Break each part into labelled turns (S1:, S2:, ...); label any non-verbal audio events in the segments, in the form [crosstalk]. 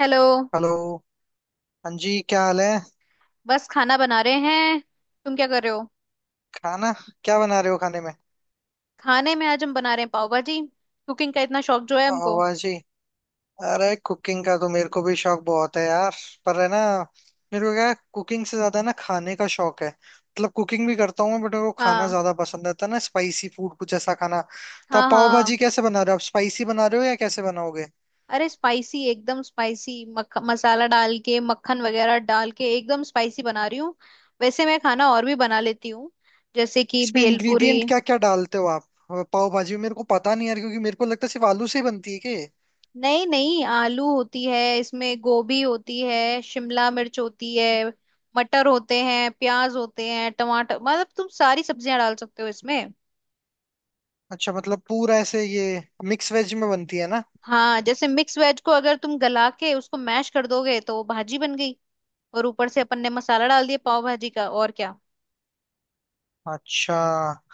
S1: Hello.
S2: Hello. हाँ जी, क्या हाल है?
S1: बस खाना बना रहे हैं। तुम क्या कर रहे हो?
S2: खाना। क्या बना रहे हो खाने में?
S1: खाने में आज हम बना रहे हैं पाव भाजी। कुकिंग का इतना शौक जो है
S2: पाव
S1: हमको।
S2: भाजी। अरे कुकिंग का तो मेरे को भी शौक बहुत है यार। पर है ना, मेरे को क्या कुकिंग से ज्यादा ना खाने का शौक है। मतलब कुकिंग भी करता हूँ मैं, बट मेरे को खाना
S1: हाँ,
S2: ज्यादा पसंद आता है ना, स्पाइसी फूड कुछ ऐसा खाना। तो
S1: हाँ
S2: आप पाव
S1: हाँ।
S2: भाजी कैसे बना रहे हो? आप स्पाइसी बना रहे हो या कैसे बनाओगे?
S1: अरे स्पाइसी एकदम स्पाइसी मसाला डाल के मक्खन वगैरह डाल के एकदम स्पाइसी बना रही हूँ। वैसे मैं खाना और भी बना लेती हूँ, जैसे कि
S2: इसमें
S1: भेलपूरी।
S2: इंग्रेडिएंट क्या क्या डालते हो आप? पाव भाजी में मेरे को पता नहीं यार, क्योंकि मेरे को लगता है सिर्फ आलू से ही बनती है के।
S1: नहीं नहीं, आलू होती है इसमें, गोभी होती है, शिमला मिर्च होती है, मटर होते हैं, प्याज होते हैं, टमाटर, मतलब तुम सारी सब्जियां डाल सकते हो इसमें।
S2: अच्छा, मतलब पूरा ऐसे ये मिक्स वेज में बनती है ना।
S1: हाँ, जैसे मिक्स वेज को अगर तुम गला के उसको मैश कर दोगे तो वो भाजी बन गई, और ऊपर से अपन ने मसाला डाल दिया पाव भाजी का, और क्या।
S2: अच्छा।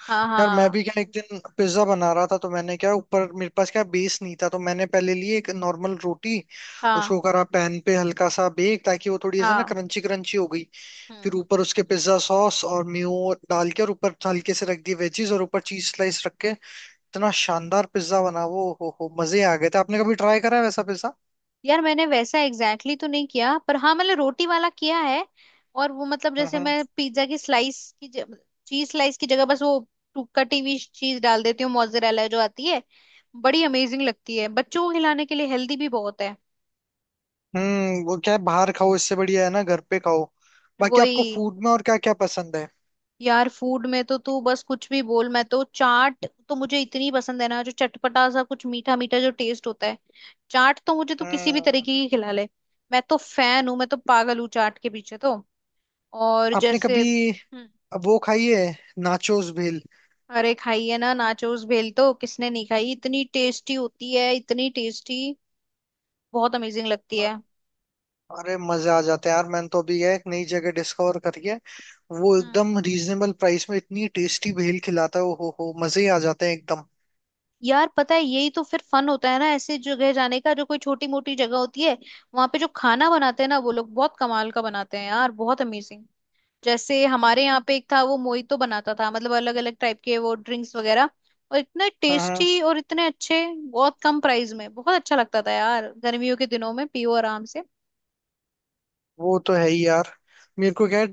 S1: हाँ
S2: यार मैं
S1: हाँ,
S2: भी क्या एक दिन पिज्जा बना रहा था, तो मैंने क्या ऊपर, मेरे पास क्या बेस नहीं था, तो मैंने पहले ली एक नॉर्मल रोटी।
S1: हाँ
S2: उसको करा पैन पे हल्का सा बेक, ताकि वो थोड़ी ऐसे ना
S1: हाँ।
S2: क्रंची क्रंची हो गई।
S1: हम्म।
S2: फिर ऊपर उसके पिज्जा सॉस और मेयो डाल के और ऊपर हल्के से रख दी वेजीज और ऊपर चीज स्लाइस रख के इतना शानदार पिज्जा बना वो, हो मजे आ गए थे। आपने कभी ट्राई करा है वैसा पिज्जा?
S1: यार मैंने वैसा एग्जैक्टली exactly तो नहीं किया, पर हाँ, मैंने रोटी वाला किया है। और वो, मतलब जैसे
S2: हम्म।
S1: मैं पिज्जा की स्लाइस की, चीज स्लाइस की जगह बस वो कटी हुई चीज डाल देती हूँ, मोzzरेला जो आती है। बड़ी अमेजिंग लगती है, बच्चों को खिलाने के लिए हेल्दी भी बहुत है।
S2: हम्म, वो क्या है, बाहर खाओ इससे बढ़िया है ना घर पे खाओ। बाकी आपको
S1: वही।
S2: फूड में और क्या क्या पसंद है?
S1: यार फूड में तो तू बस कुछ भी बोल, मैं तो चाट तो मुझे इतनी पसंद है ना, जो चटपटा सा कुछ मीठा मीठा जो टेस्ट होता है। चाट तो मुझे तू किसी भी
S2: हम्म।
S1: तरीके की खिला ले। मैं तो फैन हूँ, मैं तो पागल हूँ चाट के पीछे तो। और
S2: आपने
S1: जैसे
S2: कभी वो खाई है, नाचोस भेल?
S1: अरे खाई है ना, नाचोस भेल तो किसने नहीं खाई, इतनी टेस्टी होती है, इतनी टेस्टी, बहुत अमेजिंग लगती है।
S2: अरे मजा आ जाता है यार। मैंने तो अभी यह एक नई जगह डिस्कवर करी है। वो
S1: हम्म।
S2: एकदम रीजनेबल प्राइस में इतनी टेस्टी भेल खिलाता है, ओ हो मजे ही आ जाते हैं एकदम।
S1: यार पता है यही तो फिर फन होता है ना ऐसे जगह जाने का, जो कोई छोटी मोटी जगह होती है। वहां पे जो खाना बनाते हैं ना, वो लोग बहुत कमाल का बनाते हैं यार, बहुत अमेजिंग। जैसे हमारे यहाँ पे एक था वो मोहितो बनाता था, मतलब अलग अलग टाइप के वो ड्रिंक्स वगैरह, और इतने
S2: हाँ हाँ।
S1: टेस्टी और इतने अच्छे, बहुत कम प्राइस में। बहुत अच्छा लगता था यार, गर्मियों के दिनों में पियो आराम से।
S2: वो तो है ही यार। मेरे को क्या,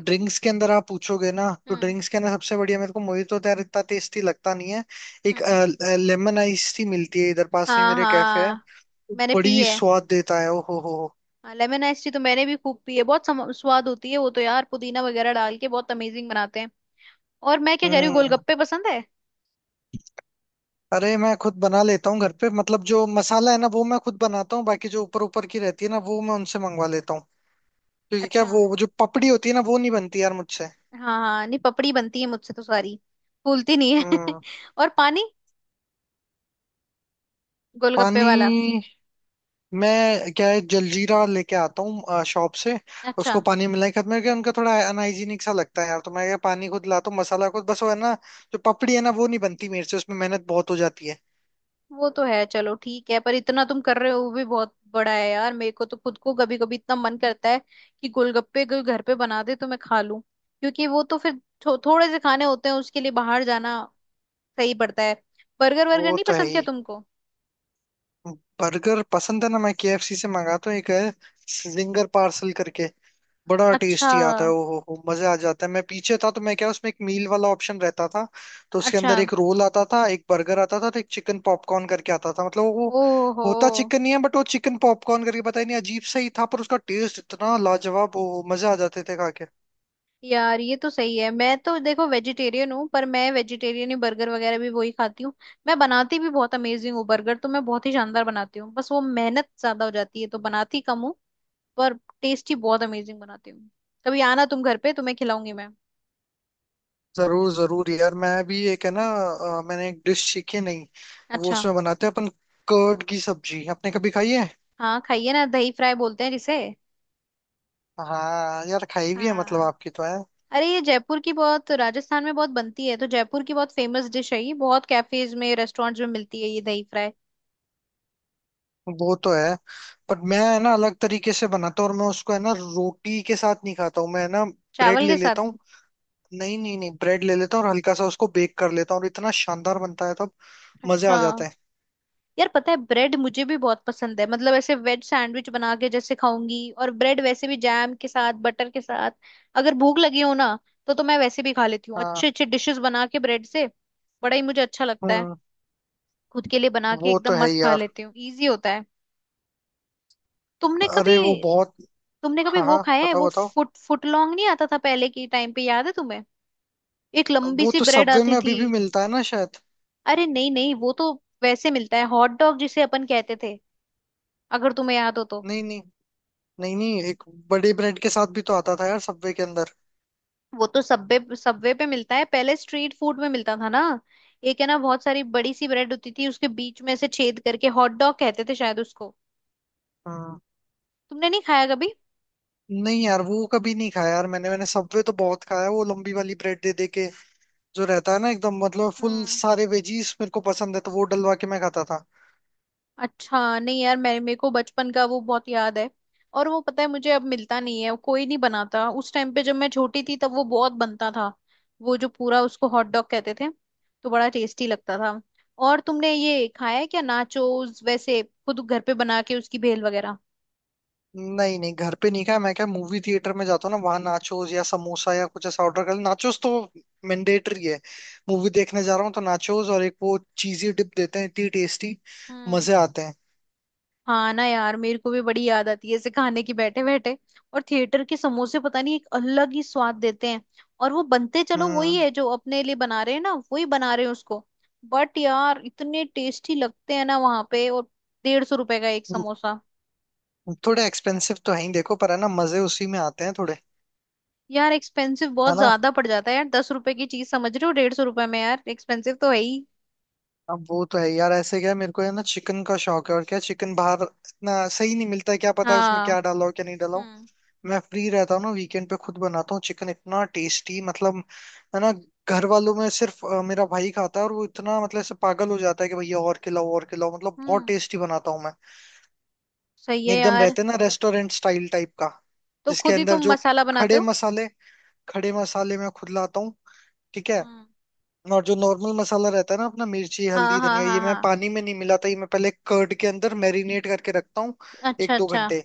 S2: ड्रिंक्स के अंदर आप पूछोगे ना, तो
S1: हम्म।
S2: ड्रिंक्स के अंदर सबसे बढ़िया मेरे को मोहितो तो यार इतना टेस्टी लगता नहीं है। एक
S1: हम्म।
S2: लेमन आइस टी मिलती है इधर पास में
S1: हाँ
S2: मेरे, कैफे है।
S1: हाँ, मैंने पी
S2: बड़ी
S1: है।
S2: स्वाद देता है, ओ हो हो।
S1: लेमन आइस टी तो मैंने भी खूब पी है, बहुत स्वाद होती है वो तो यार, पुदीना वगैरह डाल के बहुत अमेजिंग बनाते हैं। और मैं क्या कह रही हूँ,
S2: हम्म।
S1: गोलगप्पे पसंद है।
S2: अरे मैं खुद बना लेता हूँ घर पे, मतलब जो मसाला है ना वो मैं खुद बनाता हूँ, बाकी जो ऊपर ऊपर की रहती है ना वो मैं उनसे मंगवा लेता हूँ। क्योंकि क्या
S1: अच्छा।
S2: वो जो पपड़ी होती है ना, वो नहीं बनती यार मुझसे।
S1: हाँ हाँ, नहीं, पपड़ी बनती है मुझसे तो सारी, फूलती नहीं है।
S2: हम्म।
S1: [laughs] और पानी, गोलगप्पे
S2: पानी।
S1: वाला।
S2: मैं क्या है, जलजीरा लेके आता हूँ शॉप से। उसको
S1: अच्छा।
S2: पानी मिला के, मेरे को उनका थोड़ा अनहाइजीनिक सा लगता है यार, तो मैं ये पानी खुद लाता हूँ, मसाला खुद, बस वो है ना जो पपड़ी है ना वो नहीं बनती मेरे से, उसमें मेहनत बहुत हो जाती है।
S1: वो तो है, चलो ठीक है, पर इतना तुम कर रहे हो वो भी बहुत बड़ा है यार। मेरे को तो खुद को कभी कभी इतना मन करता है कि गोलगप्पे कोई घर पे बना दे तो मैं खा लूं, क्योंकि वो तो फिर थोड़े से खाने होते हैं, उसके लिए बाहर जाना सही पड़ता है। बर्गर वर्गर
S2: वो
S1: नहीं
S2: तो है
S1: पसंद क्या
S2: ही।
S1: तुमको?
S2: बर्गर पसंद है ना, मैं केएफसी से मंगाता हूँ। एक है जिंगर पार्सल करके, बड़ा
S1: अच्छा,
S2: टेस्टी आता है, ओ हो मजे आ जाता है। मैं पीछे था तो मैं क्या, उसमें एक मील वाला ऑप्शन रहता था, तो उसके
S1: अच्छा,
S2: अंदर एक रोल आता था, एक बर्गर आता था, तो एक चिकन पॉपकॉर्न करके आता था। मतलब वो
S1: ओहो।
S2: होता चिकन नहीं है, बट वो चिकन पॉपकॉर्न करके, पता ही नहीं, अजीब सा ही था, पर उसका टेस्ट इतना लाजवाब, ओ हो मजे आ जाते थे खा के।
S1: यार ये तो सही है, मैं तो देखो वेजिटेरियन हूँ, पर मैं वेजिटेरियन ही बर्गर वगैरह भी वही खाती हूँ। मैं बनाती भी बहुत अमेजिंग हूँ, बर्गर तो मैं बहुत ही शानदार बनाती हूँ, बस वो मेहनत ज्यादा हो जाती है तो बनाती कम हूँ। पर टेस्टी बहुत अमेजिंग बनाती हूँ। कभी आना तुम घर पे, तुम्हें खिलाऊंगी मैं।
S2: जरूर जरूर यार। मैं भी एक है ना, मैंने एक डिश सीखी नहीं, वो
S1: अच्छा।
S2: उसमें बनाते हैं अपन, कर्ड की सब्जी, आपने कभी खाई है?
S1: हाँ, खाइए ना, दही फ्राई बोलते हैं जिसे।
S2: हाँ यार खाई भी है, मतलब
S1: हाँ।
S2: आपकी तो है।
S1: अरे ये जयपुर की, बहुत राजस्थान में बहुत बनती है, तो जयपुर की बहुत फेमस डिश है ये, बहुत कैफेज में रेस्टोरेंट्स में मिलती है ये दही फ्राई।
S2: वो तो है। पर मैं है ना अलग तरीके से बनाता हूँ, और मैं उसको है ना रोटी के साथ नहीं खाता हूँ मैं, है ना, ब्रेड
S1: चावल
S2: ले
S1: के साथ।
S2: लेता हूँ। नहीं नहीं नहीं, ब्रेड ले लेता हूँ और हल्का सा उसको बेक कर लेता हूँ, और इतना शानदार बनता है तब, मजे
S1: अच्छा।
S2: आ जाते हैं।
S1: यार पता है ब्रेड मुझे भी बहुत पसंद है, मतलब ऐसे वेज सैंडविच बना के जैसे खाऊंगी, और ब्रेड वैसे भी जैम के साथ बटर के साथ, अगर भूख लगी हो ना तो मैं वैसे भी खा लेती हूँ,
S2: हाँ।
S1: अच्छे अच्छे डिशेस बना के ब्रेड से। बड़ा ही मुझे अच्छा लगता है।
S2: हम्म।
S1: खुद के लिए बना के
S2: वो तो
S1: एकदम
S2: है
S1: मस्त
S2: ही
S1: खा
S2: यार।
S1: लेती हूँ, इजी होता है। तुमने कभी,
S2: अरे वो बहुत।
S1: तुमने कभी
S2: हाँ
S1: वो
S2: हाँ,
S1: खाया है,
S2: बताओ
S1: वो
S2: बताओ।
S1: फुट फुट लॉन्ग नहीं आता था पहले के टाइम पे, याद है तुम्हें? एक लंबी
S2: वो
S1: सी
S2: तो
S1: ब्रेड
S2: सबवे
S1: आती
S2: में
S1: थी।
S2: अभी भी मिलता है ना शायद?
S1: अरे नहीं नहीं, वो तो वैसे मिलता है, हॉट डॉग जिसे अपन कहते थे, अगर तुम्हें याद हो तो।
S2: नहीं नहीं नहीं नहीं, एक बड़े ब्रेड के साथ भी तो आता था यार सबवे के अंदर।
S1: वो तो सबवे, सबवे पे मिलता है, पहले स्ट्रीट फूड में मिलता था ना। एक है ना, बहुत सारी बड़ी सी ब्रेड होती थी, उसके बीच में से छेद करके हॉट डॉग कहते थे शायद उसको।
S2: हाँ।
S1: तुमने नहीं खाया कभी?
S2: नहीं यार, वो कभी नहीं खाया यार मैंने, सबवे तो बहुत खाया है, वो लंबी वाली ब्रेड दे दे के जो रहता है ना, एकदम मतलब फुल
S1: हम्म।
S2: सारे वेजीज मेरे को पसंद है, तो वो डलवा के मैं खाता था।
S1: अच्छा नहीं यार, मैं, मेरे को बचपन का वो बहुत याद है। और वो पता है मुझे अब मिलता नहीं है, कोई नहीं बनाता, उस टाइम पे जब मैं छोटी थी तब वो बहुत बनता था। वो जो पूरा, उसको हॉट डॉग कहते थे, तो बड़ा टेस्टी लगता था। और तुमने ये खाया है क्या, नाचोस वैसे खुद घर पे बना के उसकी भेल वगैरह?
S2: नहीं नहीं, घर पे नहीं खाया। मैं क्या मूवी थिएटर में जाता हूँ ना, वहां नाचोस या समोसा या कुछ ऐसा ऑर्डर कर, नाचोस तो मैंडेटरी है। मूवी देखने जा रहा हूँ तो नाचोस और एक वो चीजी डिप देते हैं, इतनी टेस्टी,
S1: हम्म।
S2: मजे आते हैं।
S1: हाँ ना यार, मेरे को भी बड़ी याद आती है ऐसे खाने की, बैठे बैठे। और थिएटर के समोसे पता नहीं एक अलग ही स्वाद देते हैं। और वो बनते, चलो वही
S2: हम्म।
S1: है जो अपने लिए बना रहे हैं ना, वही बना रहे हैं उसको। बट यार इतने टेस्टी लगते हैं ना वहां पे, और 150 रुपए का एक समोसा।
S2: थोड़े एक्सपेंसिव तो है ही देखो, पर है ना मजे उसी में आते हैं थोड़े।
S1: यार एक्सपेंसिव
S2: है
S1: बहुत
S2: ना।
S1: ज्यादा पड़ जाता है यार, 10 रुपए की चीज समझ रहे हो 150 रुपए में, यार एक्सपेंसिव तो है ही।
S2: अब वो तो है यार, ऐसे क्या है, मेरे को है ना चिकन का शौक है और क्या, चिकन बाहर इतना सही नहीं मिलता है, क्या पता है उसमें
S1: हाँ।
S2: क्या डाला हो क्या नहीं डाला हो।
S1: हम्म।
S2: मैं फ्री रहता हूँ ना वीकेंड पे, खुद बनाता हूँ चिकन, इतना टेस्टी, मतलब है ना। घर वालों में सिर्फ मेरा भाई खाता है, और वो इतना मतलब ऐसे पागल हो जाता है कि भैया और खिलाओ और खिलाओ, मतलब बहुत
S1: हम्म।
S2: टेस्टी बनाता हूँ मैं।
S1: सही है
S2: एकदम
S1: यार।
S2: रहते हैं ना रेस्टोरेंट स्टाइल टाइप का।
S1: तो
S2: जिसके
S1: खुद ही
S2: अंदर
S1: तुम
S2: जो
S1: मसाला बनाते
S2: खड़े
S1: हो।
S2: मसाले, खड़े मसाले मैं खुद लाता हूँ, ठीक है।
S1: हम्म।
S2: और जो नॉर्मल मसाला रहता है ना अपना, मिर्ची
S1: हाँ
S2: हल्दी
S1: हाँ,
S2: धनिया,
S1: हाँ
S2: ये मैं
S1: हाँ,
S2: पानी में नहीं मिलाता, ये मैं पहले कर्ड के अंदर मैरिनेट करके रखता हूँ
S1: अच्छा
S2: एक दो
S1: अच्छा।
S2: घंटे।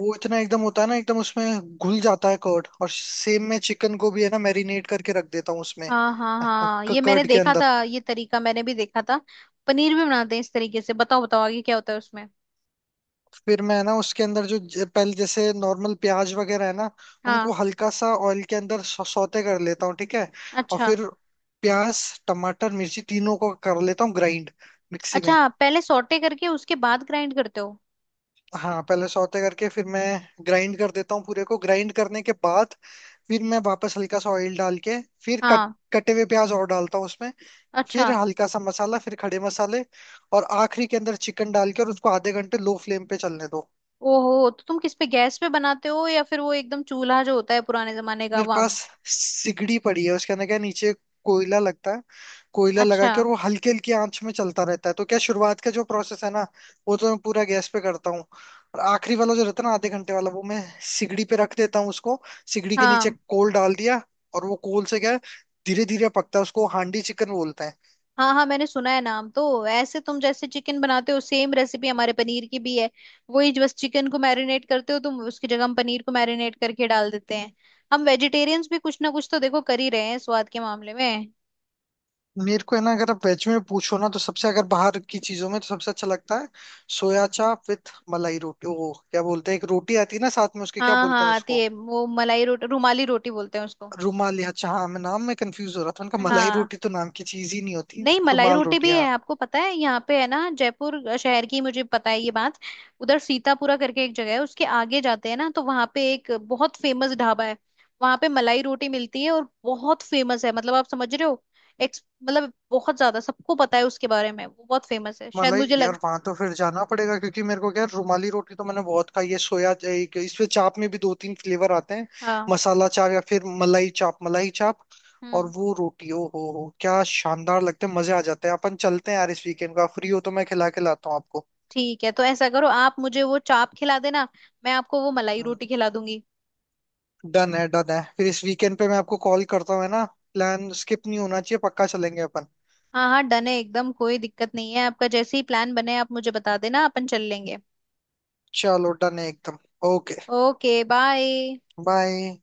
S2: वो इतना एकदम होता है ना, एकदम उसमें घुल जाता है कर्ड, और सेम मैं चिकन को भी है ना मैरिनेट करके रख देता हूँ उसमें,
S1: हाँ हाँ हाँ, ये मैंने
S2: कर्ड के
S1: देखा
S2: अंदर।
S1: था, ये तरीका मैंने भी देखा था। पनीर भी बनाते हैं इस तरीके से, बताओ बताओ आगे क्या होता है उसमें।
S2: फिर मैं ना उसके अंदर जो पहले जैसे नॉर्मल प्याज वगैरह है ना, उनको
S1: हाँ।
S2: हल्का सा ऑयल के अंदर सौते कर लेता हूँ, ठीक है। और
S1: अच्छा
S2: फिर प्याज, टमाटर, मिर्ची, तीनों को कर लेता हूँ ग्राइंड मिक्सी
S1: अच्छा,
S2: में।
S1: पहले सौटे करके उसके बाद ग्राइंड करते हो।
S2: हाँ पहले सौते करके फिर मैं ग्राइंड कर देता हूँ पूरे को। ग्राइंड करने के बाद फिर मैं वापस हल्का सा ऑयल डाल के फिर कट
S1: हाँ।
S2: कटे हुए प्याज और डालता हूँ उसमें।
S1: अच्छा।
S2: फिर हल्का सा मसाला, फिर खड़े मसाले, और आखिरी के अंदर चिकन डाल के, और उसको आधे घंटे लो फ्लेम पे चलने दो।
S1: ओहो, तो तुम किस पे, गैस पे बनाते हो, या फिर वो एकदम चूल्हा जो होता है पुराने जमाने का,
S2: मेरे
S1: वहां?
S2: पास सिगड़ी पड़ी है, उसके अंदर क्या, नीचे कोयला लगता है। कोयला लगा
S1: अच्छा।
S2: के, और वो हल्की हल्की आंच में चलता रहता है, तो क्या शुरुआत का जो प्रोसेस है ना वो तो मैं पूरा गैस पे करता हूँ, और आखिरी वाला जो रहता है ना आधे घंटे वाला, वो मैं सिगड़ी पे रख देता हूँ उसको, सिगड़ी के नीचे
S1: हाँ
S2: कोल डाल दिया, और वो कोल से क्या धीरे धीरे पकता है। उसको हांडी चिकन बोलते हैं।
S1: हाँ हाँ, मैंने सुना है नाम तो। ऐसे तुम जैसे चिकन बनाते हो, सेम रेसिपी हमारे पनीर की भी है। वही, बस चिकन को मैरिनेट करते हो तुम, उसकी जगह हम पनीर को मैरिनेट करके डाल देते हैं। हम वेजिटेरियंस भी कुछ ना कुछ तो देखो कर ही रहे हैं स्वाद के मामले में।
S2: मेरे को है ना अगर आप वेज में पूछो ना, तो सबसे अगर बाहर की चीजों में तो सबसे अच्छा लगता है सोया चाप विथ मलाई रोटी। वो क्या बोलते हैं, एक रोटी आती है ना साथ में उसके, क्या
S1: हाँ
S2: बोलते हैं
S1: हाँ, आती
S2: उसको,
S1: है वो मलाई रोटी, रुमाली रोटी बोलते हैं उसको।
S2: रुमाल या, अच्छा हाँ, मैं नाम में कंफ्यूज हो रहा था उनका, मलाई
S1: हाँ।
S2: रोटी तो नाम की चीज ही नहीं होती।
S1: नहीं, मलाई
S2: रुमाल
S1: रोटी
S2: रोटी
S1: भी है,
S2: हाँ।
S1: आपको पता है, यहाँ पे है ना, जयपुर शहर की मुझे पता है ये बात। उधर सीतापुरा करके एक जगह है, उसके आगे जाते हैं ना, तो वहाँ पे एक बहुत फेमस ढाबा है। वहाँ पे मलाई रोटी मिलती है और बहुत फेमस है, मतलब आप समझ रहे हो, एक्स मतलब बहुत ज्यादा सबको पता है उसके बारे में, वो बहुत फेमस है शायद,
S2: मलाई,
S1: मुझे लग।
S2: यार वहां तो फिर जाना पड़ेगा, क्योंकि मेरे को क्या है, रुमाली रोटी तो मैंने बहुत खाई है। इसमें चाप में भी 2 3 फ्लेवर आते हैं,
S1: हाँ।
S2: मसाला चाप या फिर मलाई चाप। मलाई चाप और
S1: हम्म।
S2: वो रोटी, ओ हो क्या शानदार लगते हैं, मजे आ जाते हैं। अपन चलते हैं यार, इस वीकेंड का फ्री हो तो मैं खिला के लाता हूँ आपको।
S1: ठीक है, तो ऐसा करो, आप मुझे वो चाप खिला देना, मैं आपको वो मलाई रोटी खिला दूंगी।
S2: डन है डन है, फिर इस वीकेंड पे मैं आपको कॉल करता हूँ, है ना, प्लान स्किप नहीं होना चाहिए, पक्का चलेंगे अपन।
S1: हाँ हाँ, डन है एकदम, कोई दिक्कत नहीं है, आपका जैसे ही प्लान बने आप मुझे बता देना, अपन चल लेंगे।
S2: चलो डन है एकदम। ओके।
S1: Okay bye.
S2: बाय।